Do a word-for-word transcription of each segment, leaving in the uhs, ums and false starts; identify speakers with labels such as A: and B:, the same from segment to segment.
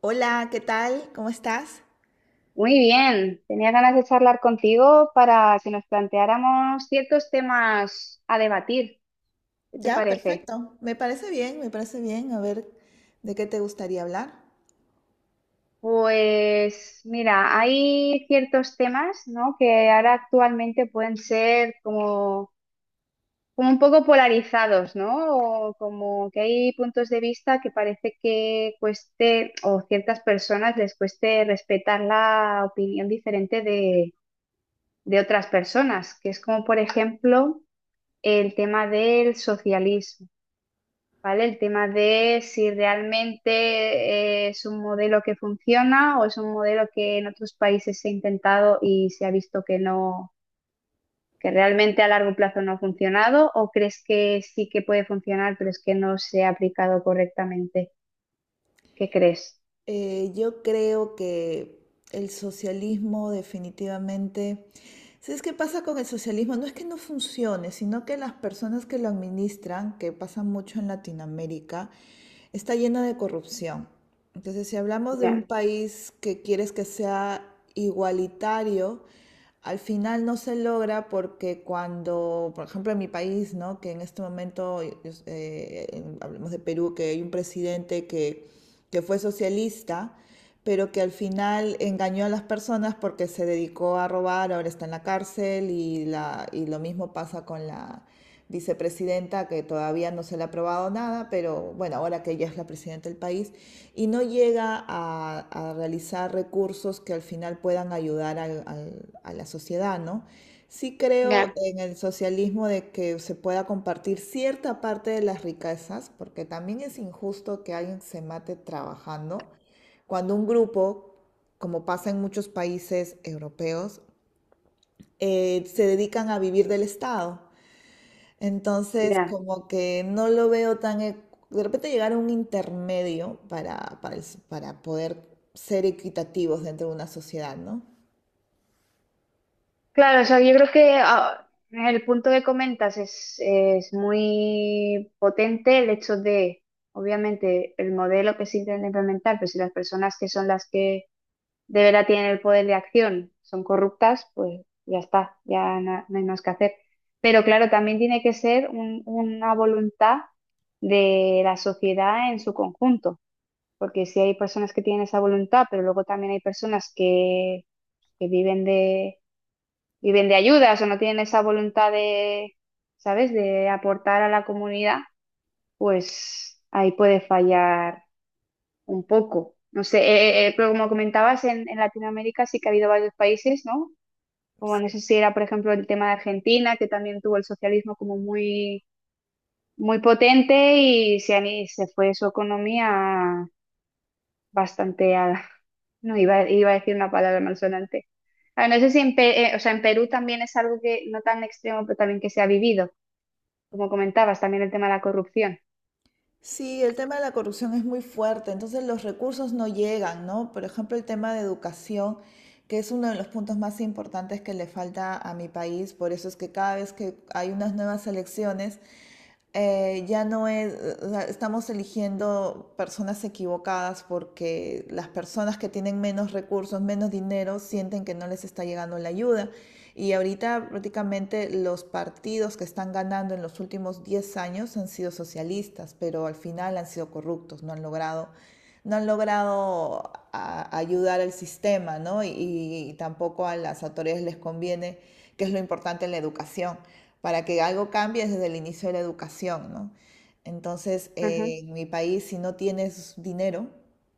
A: Hola, ¿qué tal? ¿Cómo estás?
B: Muy bien, tenía ganas de charlar contigo para que nos planteáramos ciertos temas a debatir. ¿Qué te
A: Ya,
B: parece?
A: perfecto. Me parece bien, me parece bien. A ver, ¿de qué te gustaría hablar?
B: Pues mira, hay ciertos temas, ¿no? Que ahora actualmente pueden ser como, como un poco polarizados, ¿no? O como que hay puntos de vista que parece que cueste o ciertas personas les cueste respetar la opinión diferente de, de otras personas, que es como por ejemplo el tema del socialismo, ¿vale? El tema de si realmente eh, es un modelo que funciona o es un modelo que en otros países se ha intentado y se ha visto que no, que realmente a largo plazo no ha funcionado, o crees que sí que puede funcionar, pero es que no se ha aplicado correctamente. ¿Qué crees?
A: Eh, yo creo que el socialismo definitivamente ¿sabes qué pasa con el socialismo? No es que no funcione, sino que las personas que lo administran, que pasa mucho en Latinoamérica, está llena de corrupción. Entonces, si hablamos de un
B: Ya,
A: país que quieres que sea igualitario, al final no se logra porque cuando, por ejemplo, en mi país, ¿no? Que en este momento, eh, hablemos de Perú, que hay un presidente que, que fue socialista, pero que al final engañó a las personas porque se dedicó a robar, ahora está en la cárcel y, la, y lo mismo pasa con la vicepresidenta que todavía no se le ha aprobado nada, pero bueno, ahora que ella es la presidenta del país, y no llega a, a realizar recursos que al final puedan ayudar al- al- a la sociedad, ¿no? Sí creo
B: ya,
A: en el socialismo de que se pueda compartir cierta parte de las riquezas, porque también es injusto que alguien se mate trabajando cuando un grupo, como pasa en muchos países europeos, eh, se dedican a vivir del Estado. Entonces,
B: ya.
A: como que no lo veo tan... e- De repente llegar a un intermedio para, para, el s- para poder ser equitativos dentro de una sociedad, ¿no?
B: Claro, o sea, yo creo que ah, el punto que comentas es, es muy potente el hecho de, obviamente, el modelo que se intenta implementar, pero si las personas que son las que de verdad tienen el poder de acción son corruptas, pues ya está, ya na- no hay más que hacer. Pero claro, también tiene que ser un- una voluntad de la sociedad en su conjunto, porque si hay personas que tienen esa voluntad, pero luego también hay personas que que viven viven de ayudas o no tienen esa voluntad de, ¿sabes?, de aportar a la comunidad, pues ahí puede fallar un poco. No sé, eh, eh, eh, Pero como comentabas, en, en Latinoamérica sí que ha habido varios países, ¿no? Como no
A: Sí.
B: sé si era, por ejemplo, el tema de Argentina, que también tuvo el socialismo como muy, muy potente y se, han- y se fue su economía bastante a- no, iba, iba a decir una palabra malsonante. Ah, no sé si en, Pe- eh, O sea, en Perú también es algo que no tan extremo, pero también que se ha vivido, como comentabas, también el tema de la corrupción.
A: Sí, el tema de la corrupción es muy fuerte, entonces los recursos no llegan, ¿no? Por ejemplo, el tema de educación, que es uno de los puntos más importantes que le falta a mi país, por eso es que cada vez que hay unas nuevas elecciones, eh, ya no es, estamos eligiendo personas equivocadas porque las personas que tienen menos recursos, menos dinero, sienten que no les está llegando la ayuda. Y ahorita prácticamente los partidos que están ganando en los últimos diez años han sido socialistas, pero al final han sido corruptos, no han logrado no han logrado a- ayudar al sistema, ¿no? Y, y tampoco a las autoridades les conviene, que es lo importante en la educación, para que algo cambie desde el inicio de la educación, ¿no? Entonces,
B: Ujú,
A: eh, en mi país, si no tienes dinero,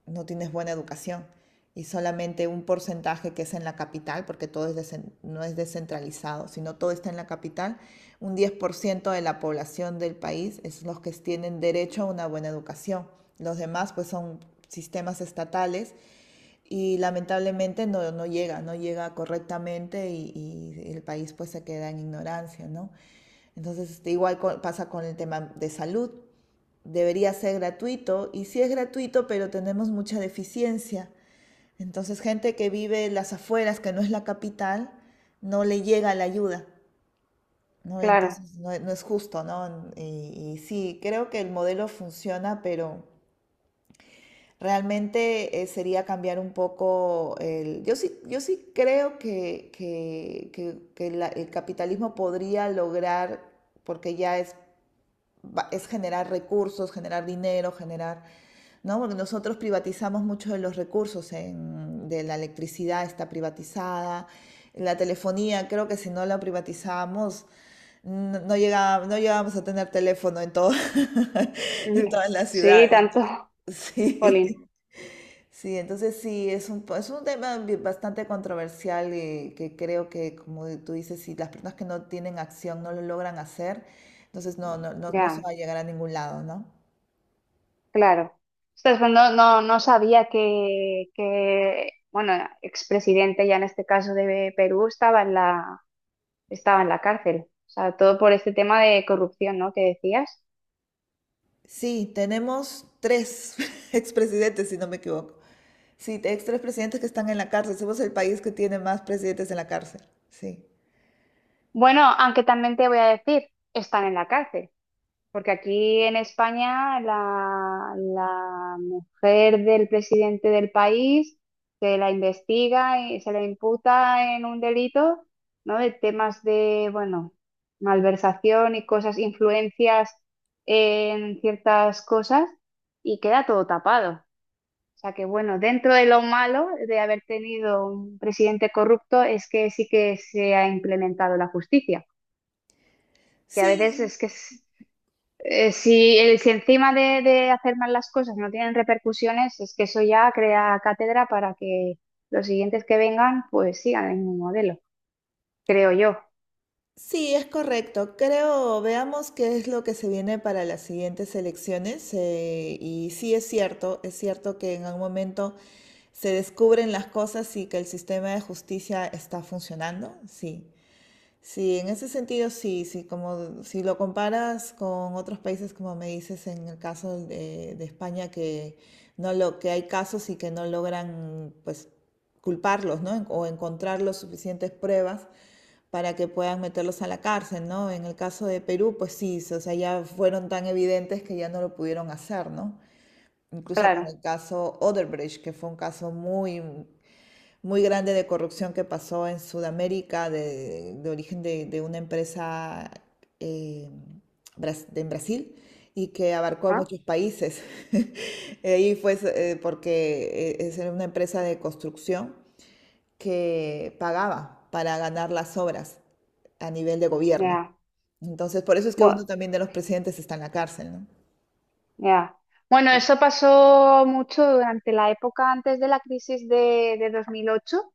A: no tienes buena educación. Y solamente un porcentaje que es en la capital, porque todo es desen- no es descentralizado, sino todo está en la capital, un diez por ciento de la población del país es los que tienen derecho a una buena educación. Los demás, pues, son sistemas estatales y lamentablemente no, no llega, no llega correctamente y, y el país pues se queda en ignorancia, ¿no? Entonces, este, igual co- pasa con el tema de salud. Debería ser gratuito y sí es gratuito, pero tenemos mucha deficiencia. Entonces, gente que vive en las afueras, que no es la capital, no le llega la ayuda, ¿no?
B: claro.
A: Entonces, no, no es justo, ¿no? Y, y sí, creo que el modelo funciona, pero realmente eh, sería cambiar un poco el... Yo sí, yo sí creo que, que- que- que la- el capitalismo podría lograr, porque ya es, va- es generar recursos, generar dinero, generar... ¿no? Porque nosotros privatizamos mucho de los recursos, en- de la electricidad está privatizada, la telefonía, creo que si no la privatizamos, no, no llegaba- no llegábamos a tener teléfono en todo-
B: Ujú.
A: en todas las
B: Sí,
A: ciudades.
B: tanto,
A: ¿No? Sí.
B: Polín.
A: Sí, entonces sí, es un, po- es un tema bi- bastante controversial y que creo que, como tú dices, si las personas que no tienen acción no lo logran hacer, entonces no, no, no, no se
B: Ya,
A: va a llegar a ningún lado, ¿no?
B: claro. Ostras, pues no, no, no sabía que, que, bueno, expresidente ya en este caso de Perú estaba en la, estaba en la cárcel. O sea, todo por este tema de corrupción, ¿no? Que decías.
A: Sí, tenemos tres expresidentes, si no me equivoco. Sí, ex tres presidentes que están en la cárcel. Somos el país que tiene más presidentes en la cárcel. Sí.
B: Bueno, aunque también te voy a decir, están en la cárcel, porque aquí en España la, la mujer del presidente del país se la investiga y se la imputa en un delito, ¿no? De temas de, bueno, malversación y cosas, influencias en ciertas cosas y queda todo tapado. O sea que, bueno, dentro de lo malo de haber tenido un presidente corrupto es que sí que se ha implementado la justicia, que a veces
A: Sí,
B: es que es- eh, si, el- si encima de, de hacer mal las cosas no tienen repercusiones, es que eso ya crea cátedra para que los siguientes que vengan pues sigan el mismo modelo, creo yo,
A: sí, es correcto. Creo, veamos qué es lo que se viene para las siguientes elecciones. eh, y sí es cierto, es cierto que en algún momento se descubren las cosas y que el sistema de justicia está funcionando. Sí, sí, en ese sentido sí, sí, como si lo comparas con otros países, como me dices en el caso de, de España, que no lo, que hay casos y que no logran, pues, culparlos, ¿no? O encontrar las suficientes pruebas para que puedan meterlos a la cárcel, ¿no? En el caso de Perú, pues sí, sí, o sea, ya fueron tan evidentes que ya no lo pudieron hacer, ¿no? Incluso con
B: claro,
A: el caso Odebrecht, que fue un caso muy, muy grande de corrupción que pasó en Sudamérica, de, de origen de, de una empresa eh, bras- de- en Brasil y que abarcó a
B: ¿no?
A: muchos países. Ahí fue eh, porque eh, es una empresa de construcción que pagaba para ganar las obras a nivel de gobierno.
B: Ya,
A: Entonces, por eso es que uno
B: bueno,
A: también de los presidentes está en la cárcel, ¿no?
B: ya. Bueno, eso pasó mucho durante la época antes de la crisis de, de dos mil ocho.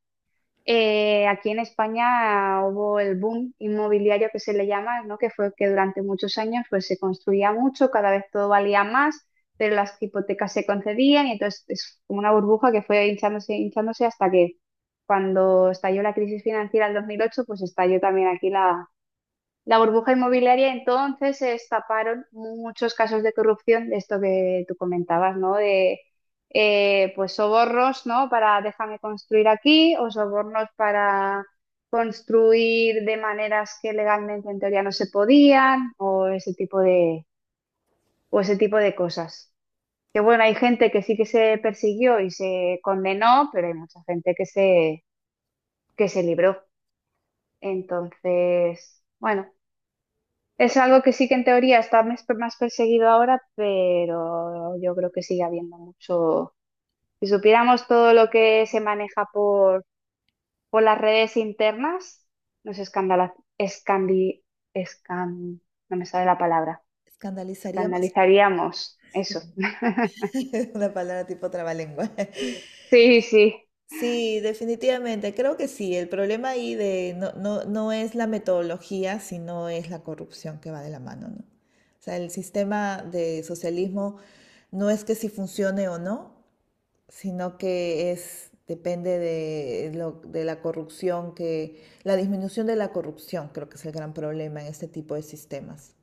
B: Eh, aquí en España hubo el boom inmobiliario que se le llama, ¿no? Que fue que durante muchos años pues, se construía mucho, cada vez todo valía más, pero las hipotecas se concedían y entonces es como una burbuja que fue hinchándose, hinchándose hasta que cuando estalló la crisis financiera en dos mil ocho, pues estalló también aquí la la burbuja inmobiliaria, entonces se destaparon muchos casos de corrupción, de esto que tú comentabas, ¿no? De eh, Pues sobornos, ¿no? Para déjame construir aquí, o sobornos para construir de maneras que legalmente en teoría no se podían, o ese tipo de, o ese tipo de cosas. Que bueno, hay gente que sí que se persiguió y se condenó, pero hay mucha gente que se, que se libró. Entonces, bueno. Es algo que sí que en teoría está mes- más perseguido ahora, pero yo creo que sigue habiendo mucho. Si supiéramos todo lo que se maneja por, por las redes internas, nos escandala, escandi, escan, no me sale la palabra.
A: ¿Escandalizaríamos?
B: Escandalizaríamos eso.
A: Una palabra tipo trabalengua.
B: Sí, sí,
A: Sí, definitivamente, creo que sí. El problema ahí de no, no, no es la metodología, sino es la corrupción que va de la mano, ¿no? O sea, el sistema de socialismo no es que si funcione o no, sino que es, depende de, lo- de la corrupción que, la disminución de la corrupción creo que es el gran problema en este tipo de sistemas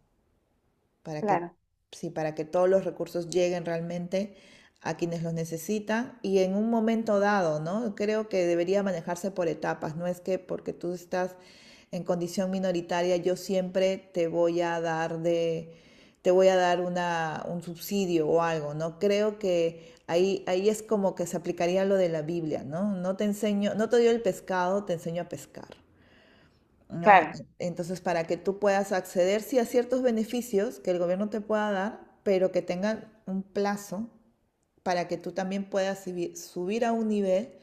A: para que,
B: claro,
A: sí, para que todos los recursos lleguen realmente a quienes los necesitan y en un momento dado, ¿no? Creo que debería manejarse por etapas, no es que porque tú estás en condición minoritaria yo siempre te voy a dar de te voy a dar una, un subsidio o algo, ¿no? Creo que ahí, ahí es como que se aplicaría lo de la Biblia, ¿no? No te enseño, no te dio el pescado, te enseño a pescar. ¿No?
B: claro,
A: Entonces, para que tú puedas acceder, sí, a ciertos beneficios que el gobierno te pueda dar, pero que tengan un plazo para que tú también puedas subi- subir a un nivel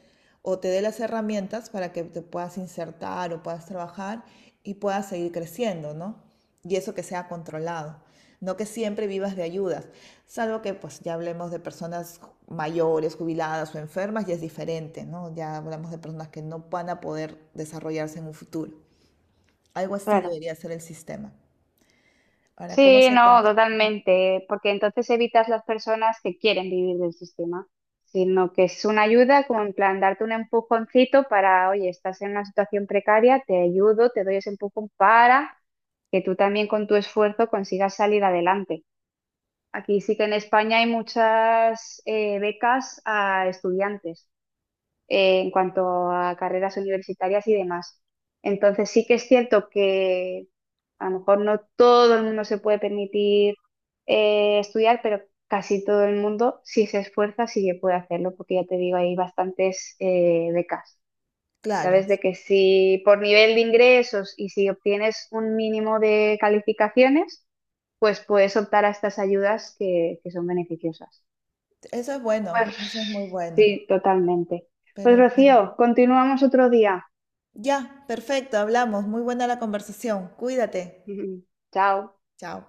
A: o te dé las herramientas para que te puedas insertar o puedas trabajar y puedas seguir creciendo, ¿no? Y eso que sea controlado, no que siempre vivas de ayudas, salvo que pues ya hablemos de personas ju- mayores, jubiladas o enfermas, y es diferente, ¿no? Ya hablamos de personas que no van a poder desarrollarse en un futuro. Algo así
B: claro.
A: debería ser el sistema. Ahora, ¿cómo
B: Sí,
A: se
B: no,
A: controla?
B: totalmente, porque entonces evitas las personas que quieren vivir del sistema, sino que es una ayuda como en plan darte un empujoncito para, oye, estás en una situación precaria, te ayudo, te doy ese empujón para que tú también con tu esfuerzo consigas salir adelante. Aquí sí que en España hay muchas eh, becas a estudiantes eh, en cuanto a carreras universitarias y demás. Entonces sí que es cierto que a lo mejor no todo el mundo se puede permitir eh, estudiar, pero casi todo el mundo, si se esfuerza, sí que puede hacerlo, porque ya te digo, hay bastantes eh, becas.
A: Claro,
B: Sabes de que si por nivel de ingresos y si obtienes un mínimo de calificaciones, pues puedes optar a estas ayudas que, que son beneficiosas.
A: eso es bueno,
B: Pues
A: eso es muy bueno.
B: sí, totalmente.
A: Pero,
B: Pues
A: en fin.
B: Rocío, continuamos otro día.
A: Ya, perfecto, hablamos. Muy buena la conversación. Cuídate.
B: Chao.
A: Chao.